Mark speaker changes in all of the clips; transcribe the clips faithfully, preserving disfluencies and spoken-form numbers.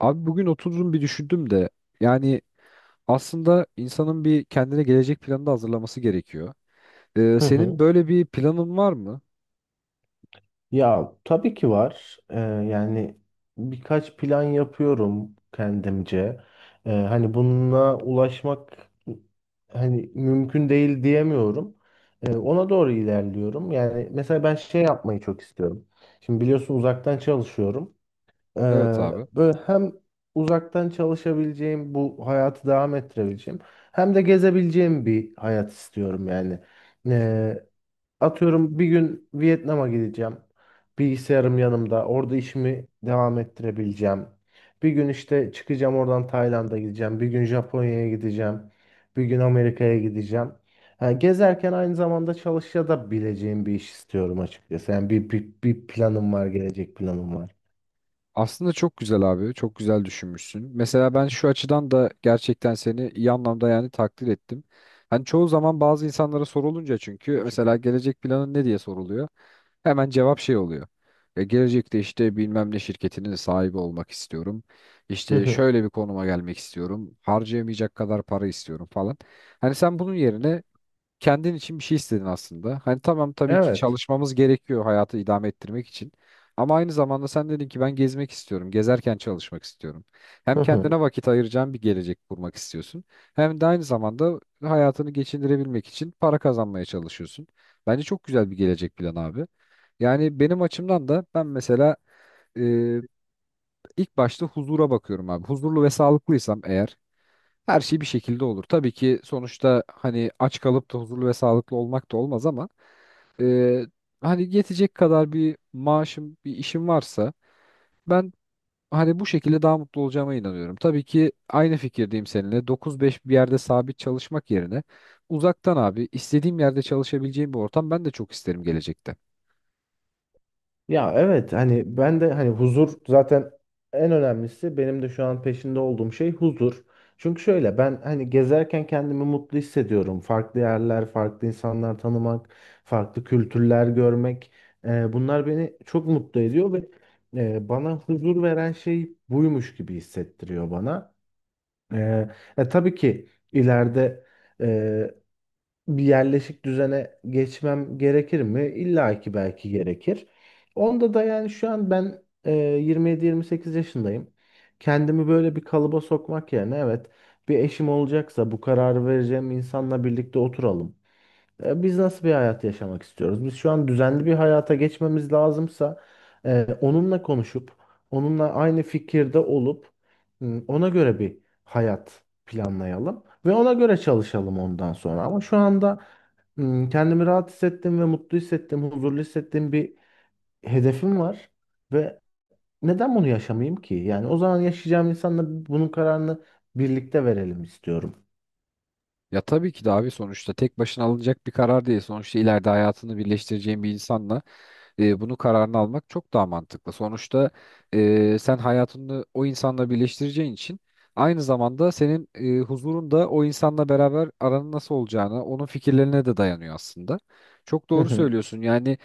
Speaker 1: Abi bugün oturdum bir düşündüm de yani aslında insanın bir kendine gelecek planı da hazırlaması gerekiyor. Ee,
Speaker 2: Hı
Speaker 1: senin
Speaker 2: hı.
Speaker 1: böyle bir planın var mı?
Speaker 2: Ya tabii ki var. Ee, yani birkaç plan yapıyorum kendimce. Ee, hani bununla ulaşmak hani mümkün değil diyemiyorum. Ee, ona doğru ilerliyorum. Yani mesela ben şey yapmayı çok istiyorum. Şimdi biliyorsun uzaktan çalışıyorum. Ee,
Speaker 1: Evet abi.
Speaker 2: Böyle hem uzaktan çalışabileceğim, bu hayatı devam ettirebileceğim, hem de gezebileceğim bir hayat istiyorum yani. Ee, Atıyorum bir gün Vietnam'a gideceğim. Bilgisayarım yanımda. Orada işimi devam ettirebileceğim. Bir gün işte çıkacağım oradan Tayland'a gideceğim. Bir gün Japonya'ya gideceğim. Bir gün Amerika'ya gideceğim. Ha, gezerken aynı zamanda çalışa da bileceğim bir iş istiyorum açıkçası. Yani bir, bir, bir planım var, gelecek planım var.
Speaker 1: Aslında çok güzel abi. Çok güzel düşünmüşsün. Mesela ben şu açıdan da gerçekten seni iyi anlamda yani takdir ettim. Hani çoğu zaman bazı insanlara sorulunca çünkü mesela gelecek planın ne diye soruluyor. Hemen cevap şey oluyor. E, gelecekte işte bilmem ne şirketinin sahibi olmak istiyorum.
Speaker 2: Hı
Speaker 1: İşte
Speaker 2: hı.
Speaker 1: şöyle bir konuma gelmek istiyorum. Harcayamayacak kadar para istiyorum falan. Hani sen bunun yerine kendin için bir şey istedin aslında. Hani tamam tabii ki
Speaker 2: Evet.
Speaker 1: çalışmamız gerekiyor hayatı idame ettirmek için. Ama aynı zamanda sen dedin ki ben gezmek istiyorum. Gezerken çalışmak istiyorum.
Speaker 2: Hı
Speaker 1: Hem
Speaker 2: hı.
Speaker 1: kendine vakit ayıracağın bir gelecek kurmak istiyorsun. Hem de aynı zamanda hayatını geçindirebilmek için para kazanmaya çalışıyorsun. Bence çok güzel bir gelecek planı abi. Yani benim açımdan da ben mesela e, ilk başta huzura bakıyorum abi. Huzurlu ve sağlıklıysam eğer her şey bir şekilde olur. Tabii ki sonuçta hani aç kalıp da huzurlu ve sağlıklı olmak da olmaz ama e, hani yetecek kadar bir maaşım, bir işim varsa ben hani bu şekilde daha mutlu olacağıma inanıyorum. Tabii ki aynı fikirdeyim seninle. dokuz beş bir yerde sabit çalışmak yerine uzaktan abi istediğim yerde çalışabileceğim bir ortam ben de çok isterim gelecekte.
Speaker 2: Ya evet hani ben de hani huzur zaten en önemlisi benim de şu an peşinde olduğum şey huzur. Çünkü şöyle ben hani gezerken kendimi mutlu hissediyorum. Farklı yerler, farklı insanlar tanımak, farklı kültürler görmek. E, bunlar beni çok mutlu ediyor ve e, bana huzur veren şey buymuş gibi hissettiriyor bana. E, e, tabii ki ileride bir yerleşik düzene geçmem gerekir mi? İlla ki belki gerekir. Onda da yani şu an ben e, yirmi yedi yirmi sekiz yaşındayım. Kendimi böyle bir kalıba sokmak yerine evet bir eşim olacaksa bu kararı vereceğim insanla birlikte oturalım. E, biz nasıl bir hayat yaşamak istiyoruz? Biz şu an düzenli bir hayata geçmemiz lazımsa e, onunla konuşup onunla aynı fikirde olup m, ona göre bir hayat planlayalım ve ona göre çalışalım ondan sonra. Ama şu anda Hmm, kendimi rahat hissettim ve mutlu hissettim, huzurlu hissettiğim bir hedefim var ve neden bunu yaşamayayım ki? Yani o zaman yaşayacağım insanla bunun kararını birlikte verelim istiyorum.
Speaker 1: Ya tabii ki de abi, sonuçta tek başına alınacak bir karar değil. Sonuçta ileride hayatını birleştireceğim bir insanla e, bunu kararını almak çok daha mantıklı. Sonuçta e, sen hayatını o insanla birleştireceğin için aynı zamanda senin e, huzurun da o insanla beraber aranın nasıl olacağına, onun fikirlerine de dayanıyor aslında. Çok
Speaker 2: Hı
Speaker 1: doğru
Speaker 2: hı.
Speaker 1: söylüyorsun. Yani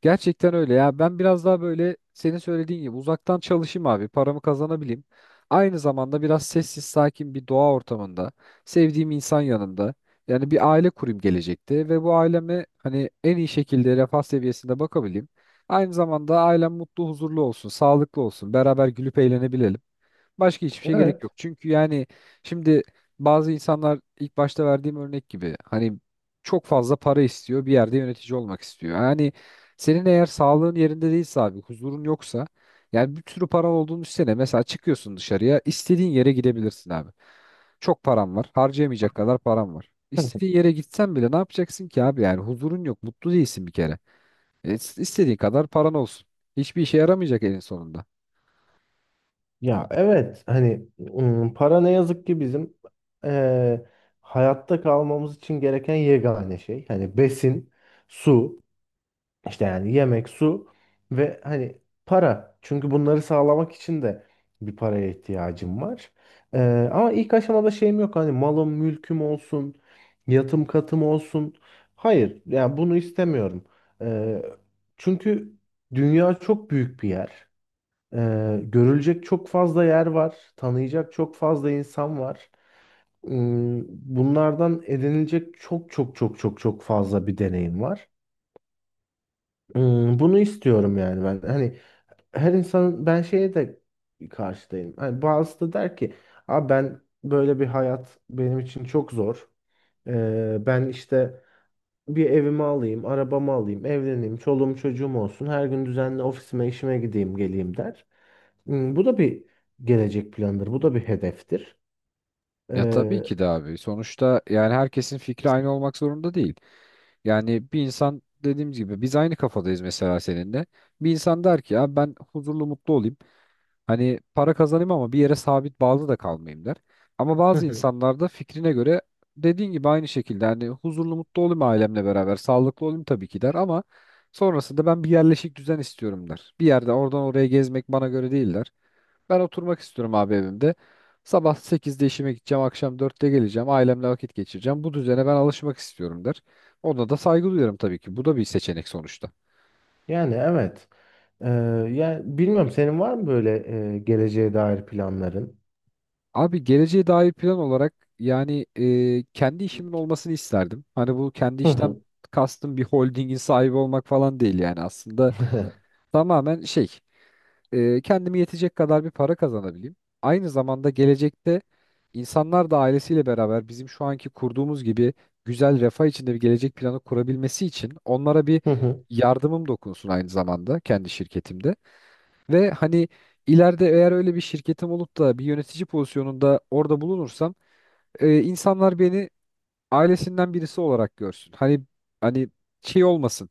Speaker 1: gerçekten öyle ya. Ben biraz daha böyle senin söylediğin gibi uzaktan çalışayım abi. Paramı kazanabileyim. Aynı zamanda biraz sessiz sakin bir doğa ortamında, sevdiğim insan yanında. Yani bir aile kurayım gelecekte ve bu aileme hani en iyi şekilde refah seviyesinde bakabileyim. Aynı zamanda ailem mutlu, huzurlu olsun, sağlıklı olsun. Beraber gülüp eğlenebilelim. Başka hiçbir şey gerek
Speaker 2: Evet.
Speaker 1: yok. Çünkü yani şimdi bazı insanlar ilk başta verdiğim örnek gibi hani çok fazla para istiyor, bir yerde yönetici olmak istiyor. Yani senin eğer sağlığın yerinde değilse abi, huzurun yoksa yani bir sürü paran olduğunu düşünsene. Mesela çıkıyorsun dışarıya, istediğin yere gidebilirsin abi. Çok param var, harcayamayacak kadar param var.
Speaker 2: Hı hı.
Speaker 1: İstediğin yere gitsen bile ne yapacaksın ki abi, yani huzurun yok, mutlu değilsin bir kere. E, istediğin kadar paran olsun. Hiçbir işe yaramayacak elin sonunda.
Speaker 2: Ya evet hani ım, para ne yazık ki bizim eee, hayatta kalmamız için gereken yegane şey. Hani besin, su. İşte yani yemek, su ve hani para. Çünkü bunları sağlamak için de bir paraya ihtiyacım var. Ee, ama ilk aşamada şeyim yok. Hani malım, mülküm olsun, yatım katım olsun. Hayır, yani bunu istemiyorum. Ee, Çünkü dünya çok büyük bir yer. Ee, görülecek çok fazla yer var. Tanıyacak çok fazla insan var. Hmm, Bunlardan edinilecek çok çok çok çok çok fazla bir deneyim var. Hmm, bunu istiyorum yani ben. Hani her insanın ben şeye de karşıdayım. Hani bazısı da der ki abi ben böyle bir hayat benim için çok zor. Ee, ben işte bir evimi alayım, arabamı alayım, evleneyim, çoluğum çocuğum olsun. Her gün düzenli ofisime, işime gideyim, geleyim der. Hmm, bu da bir gelecek planıdır. Bu da bir hedeftir.
Speaker 1: Ya tabii
Speaker 2: Ee,
Speaker 1: ki de abi. Sonuçta yani herkesin fikri
Speaker 2: Kesin.
Speaker 1: aynı olmak zorunda değil. Yani bir insan dediğimiz gibi biz aynı kafadayız mesela seninle. Bir insan der ki ya ben huzurlu mutlu olayım. Hani para kazanayım ama bir yere sabit bağlı da kalmayayım der. Ama
Speaker 2: Hı
Speaker 1: bazı
Speaker 2: hı.
Speaker 1: insanlar da fikrine göre dediğin gibi aynı şekilde hani huzurlu mutlu olayım ailemle beraber sağlıklı olayım tabii ki der ama sonrasında ben bir yerleşik düzen istiyorum der. Bir yerde oradan oraya gezmek bana göre değil der. Ben oturmak istiyorum abi evimde. Sabah sekizde işime gideceğim, akşam dörtte geleceğim, ailemle vakit geçireceğim. Bu düzene ben alışmak istiyorum der. Ona da saygı duyuyorum tabii ki. Bu da bir seçenek sonuçta.
Speaker 2: Yani evet. Ee, Yani bilmiyorum senin var mı böyle e, geleceğe dair planların?
Speaker 1: Abi geleceğe dair plan olarak yani e, kendi işimin olmasını isterdim. Hani bu kendi
Speaker 2: Hı
Speaker 1: işten
Speaker 2: hı.
Speaker 1: kastım bir holdingin sahibi olmak falan değil, yani aslında tamamen şey e, kendime yetecek kadar bir para kazanabileyim. Aynı zamanda gelecekte insanlar da ailesiyle beraber bizim şu anki kurduğumuz gibi güzel refah içinde bir gelecek planı kurabilmesi için onlara bir
Speaker 2: Hı hı,
Speaker 1: yardımım dokunsun aynı zamanda kendi şirketimde. Ve hani ileride eğer öyle bir şirketim olup da bir yönetici pozisyonunda orada bulunursam e, insanlar beni ailesinden birisi olarak görsün. Hani hani şey olmasın.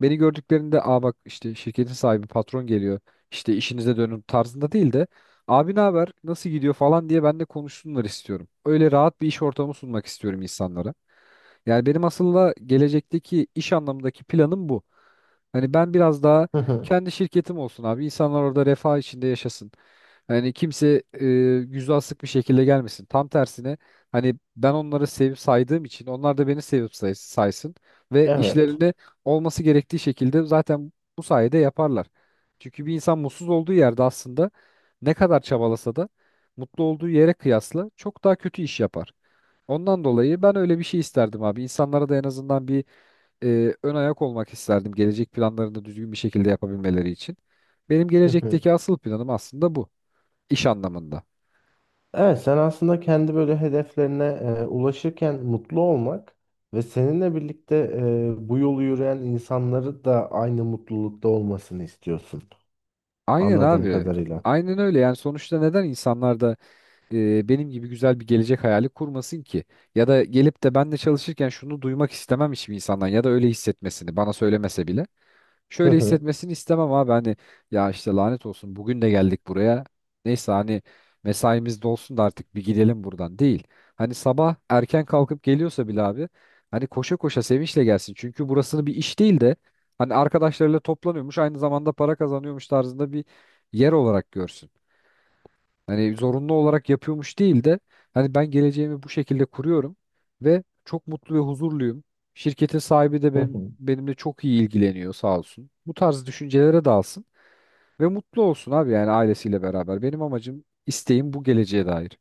Speaker 1: Beni gördüklerinde aa bak işte şirketin sahibi patron geliyor. İşte işinize dönün tarzında değil de abi ne haber nasıl gidiyor falan diye ben de konuşsunlar istiyorum. Öyle rahat bir iş ortamı sunmak istiyorum insanlara. Yani benim aslında gelecekteki iş anlamındaki planım bu. Hani ben biraz daha
Speaker 2: hı hı.
Speaker 1: kendi şirketim olsun abi. İnsanlar orada refah içinde yaşasın. Hani kimse e, yüzü asık bir şekilde gelmesin. Tam tersine hani ben onları sevip saydığım için onlar da beni sevip say saysın ve
Speaker 2: Evet.
Speaker 1: işlerinde olması gerektiği şekilde zaten bu sayede yaparlar. Çünkü bir insan mutsuz olduğu yerde aslında ne kadar çabalasa da mutlu olduğu yere kıyasla çok daha kötü iş yapar. Ondan dolayı ben öyle bir şey isterdim abi. İnsanlara da en azından bir e, ön ayak olmak isterdim. Gelecek planlarını düzgün bir şekilde yapabilmeleri için. Benim
Speaker 2: Hı hı.
Speaker 1: gelecekteki asıl planım aslında bu. İş anlamında.
Speaker 2: Evet, sen aslında kendi böyle hedeflerine e, ulaşırken mutlu olmak ve seninle birlikte e, bu yolu yürüyen insanları da aynı mutlulukta olmasını istiyorsun.
Speaker 1: Aynen
Speaker 2: Anladığım
Speaker 1: abi.
Speaker 2: kadarıyla.
Speaker 1: Aynen öyle. Yani sonuçta neden insanlar da e, benim gibi güzel bir gelecek hayali kurmasın ki? Ya da gelip de ben de çalışırken şunu duymak istemem hiçbir insandan, ya da öyle hissetmesini bana söylemese bile
Speaker 2: Hı
Speaker 1: şöyle
Speaker 2: hı,
Speaker 1: hissetmesini istemem abi. Hani ya işte lanet olsun bugün de geldik buraya. Neyse hani mesaimiz dolsun da artık bir gidelim buradan değil. Hani sabah erken kalkıp geliyorsa bile abi hani koşa koşa sevinçle gelsin. Çünkü burasını bir iş değil de hani arkadaşlarıyla toplanıyormuş aynı zamanda para kazanıyormuş tarzında bir yer olarak görsün. Hani zorunlu olarak yapıyormuş değil de hani ben geleceğimi bu şekilde kuruyorum ve çok mutlu ve huzurluyum. Şirketin sahibi de
Speaker 2: hı
Speaker 1: benim,
Speaker 2: hı.
Speaker 1: benimle çok iyi ilgileniyor sağ olsun. Bu tarz düşüncelere dalsın ve mutlu olsun abi, yani ailesiyle beraber. Benim amacım, isteğim bu geleceğe dair.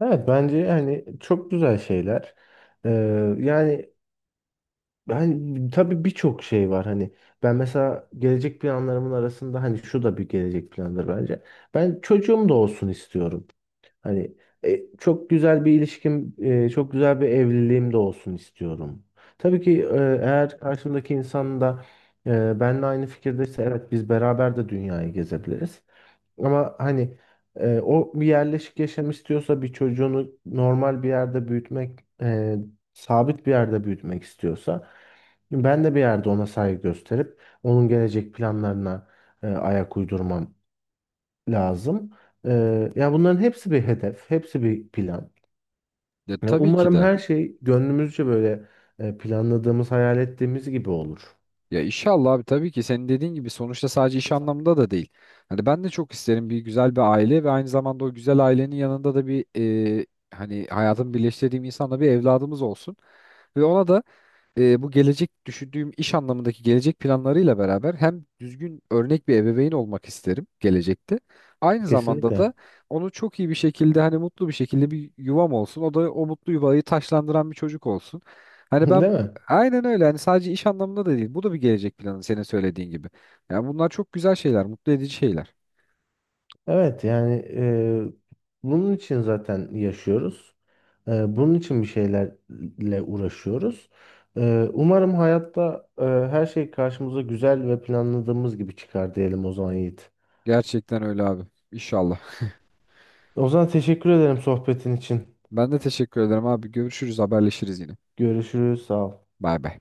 Speaker 2: Evet bence hani çok güzel şeyler. Ee, yani Ben tabii birçok şey var hani ben mesela gelecek planlarımın arasında hani şu da bir gelecek plandır bence. Ben çocuğum da olsun istiyorum. Hani e, çok güzel bir ilişkim, e, çok güzel bir evliliğim de olsun istiyorum. Tabii ki e, eğer karşımdaki insan da e, benimle aynı fikirdeyse evet biz beraber de dünyayı gezebiliriz. Ama hani e, o bir yerleşik yaşam istiyorsa bir çocuğunu normal bir yerde büyütmek, e, sabit bir yerde büyütmek istiyorsa ben de bir yerde ona saygı gösterip onun gelecek planlarına e, ayak uydurmam lazım. E, ya bunların hepsi bir hedef, hepsi bir plan.
Speaker 1: Ya
Speaker 2: Ya
Speaker 1: tabii ki
Speaker 2: umarım
Speaker 1: de.
Speaker 2: her şey gönlümüzce böyle e, planladığımız, hayal ettiğimiz gibi olur.
Speaker 1: Ya inşallah abi, tabii ki senin dediğin gibi sonuçta sadece iş anlamında da değil. Hani ben de çok isterim bir güzel bir aile ve aynı zamanda o güzel ailenin yanında da bir e, hani hayatımı birleştirdiğim insanla bir evladımız olsun. Ve ona da e, bu gelecek düşündüğüm iş anlamındaki gelecek planlarıyla beraber hem düzgün örnek bir ebeveyn olmak isterim gelecekte. Aynı zamanda da
Speaker 2: Kesinlikle.
Speaker 1: onu çok iyi bir şekilde hani mutlu bir şekilde bir yuvam olsun. O da o mutlu yuvayı taşlandıran bir çocuk olsun. Hani
Speaker 2: Değil
Speaker 1: ben
Speaker 2: mi?
Speaker 1: aynen öyle, hani sadece iş anlamında da değil. Bu da bir gelecek planı senin söylediğin gibi. Yani bunlar çok güzel şeyler, mutlu edici şeyler.
Speaker 2: Evet yani e, bunun için zaten yaşıyoruz. Ee, bunun için bir şeylerle uğraşıyoruz. Ee, umarım hayatta e, her şey karşımıza güzel ve planladığımız gibi çıkar diyelim o zaman Yiğit.
Speaker 1: Gerçekten öyle abi. İnşallah.
Speaker 2: O zaman teşekkür ederim sohbetin için.
Speaker 1: Ben de teşekkür ederim abi. Görüşürüz, haberleşiriz yine.
Speaker 2: Görüşürüz, sağ ol.
Speaker 1: Bay bay.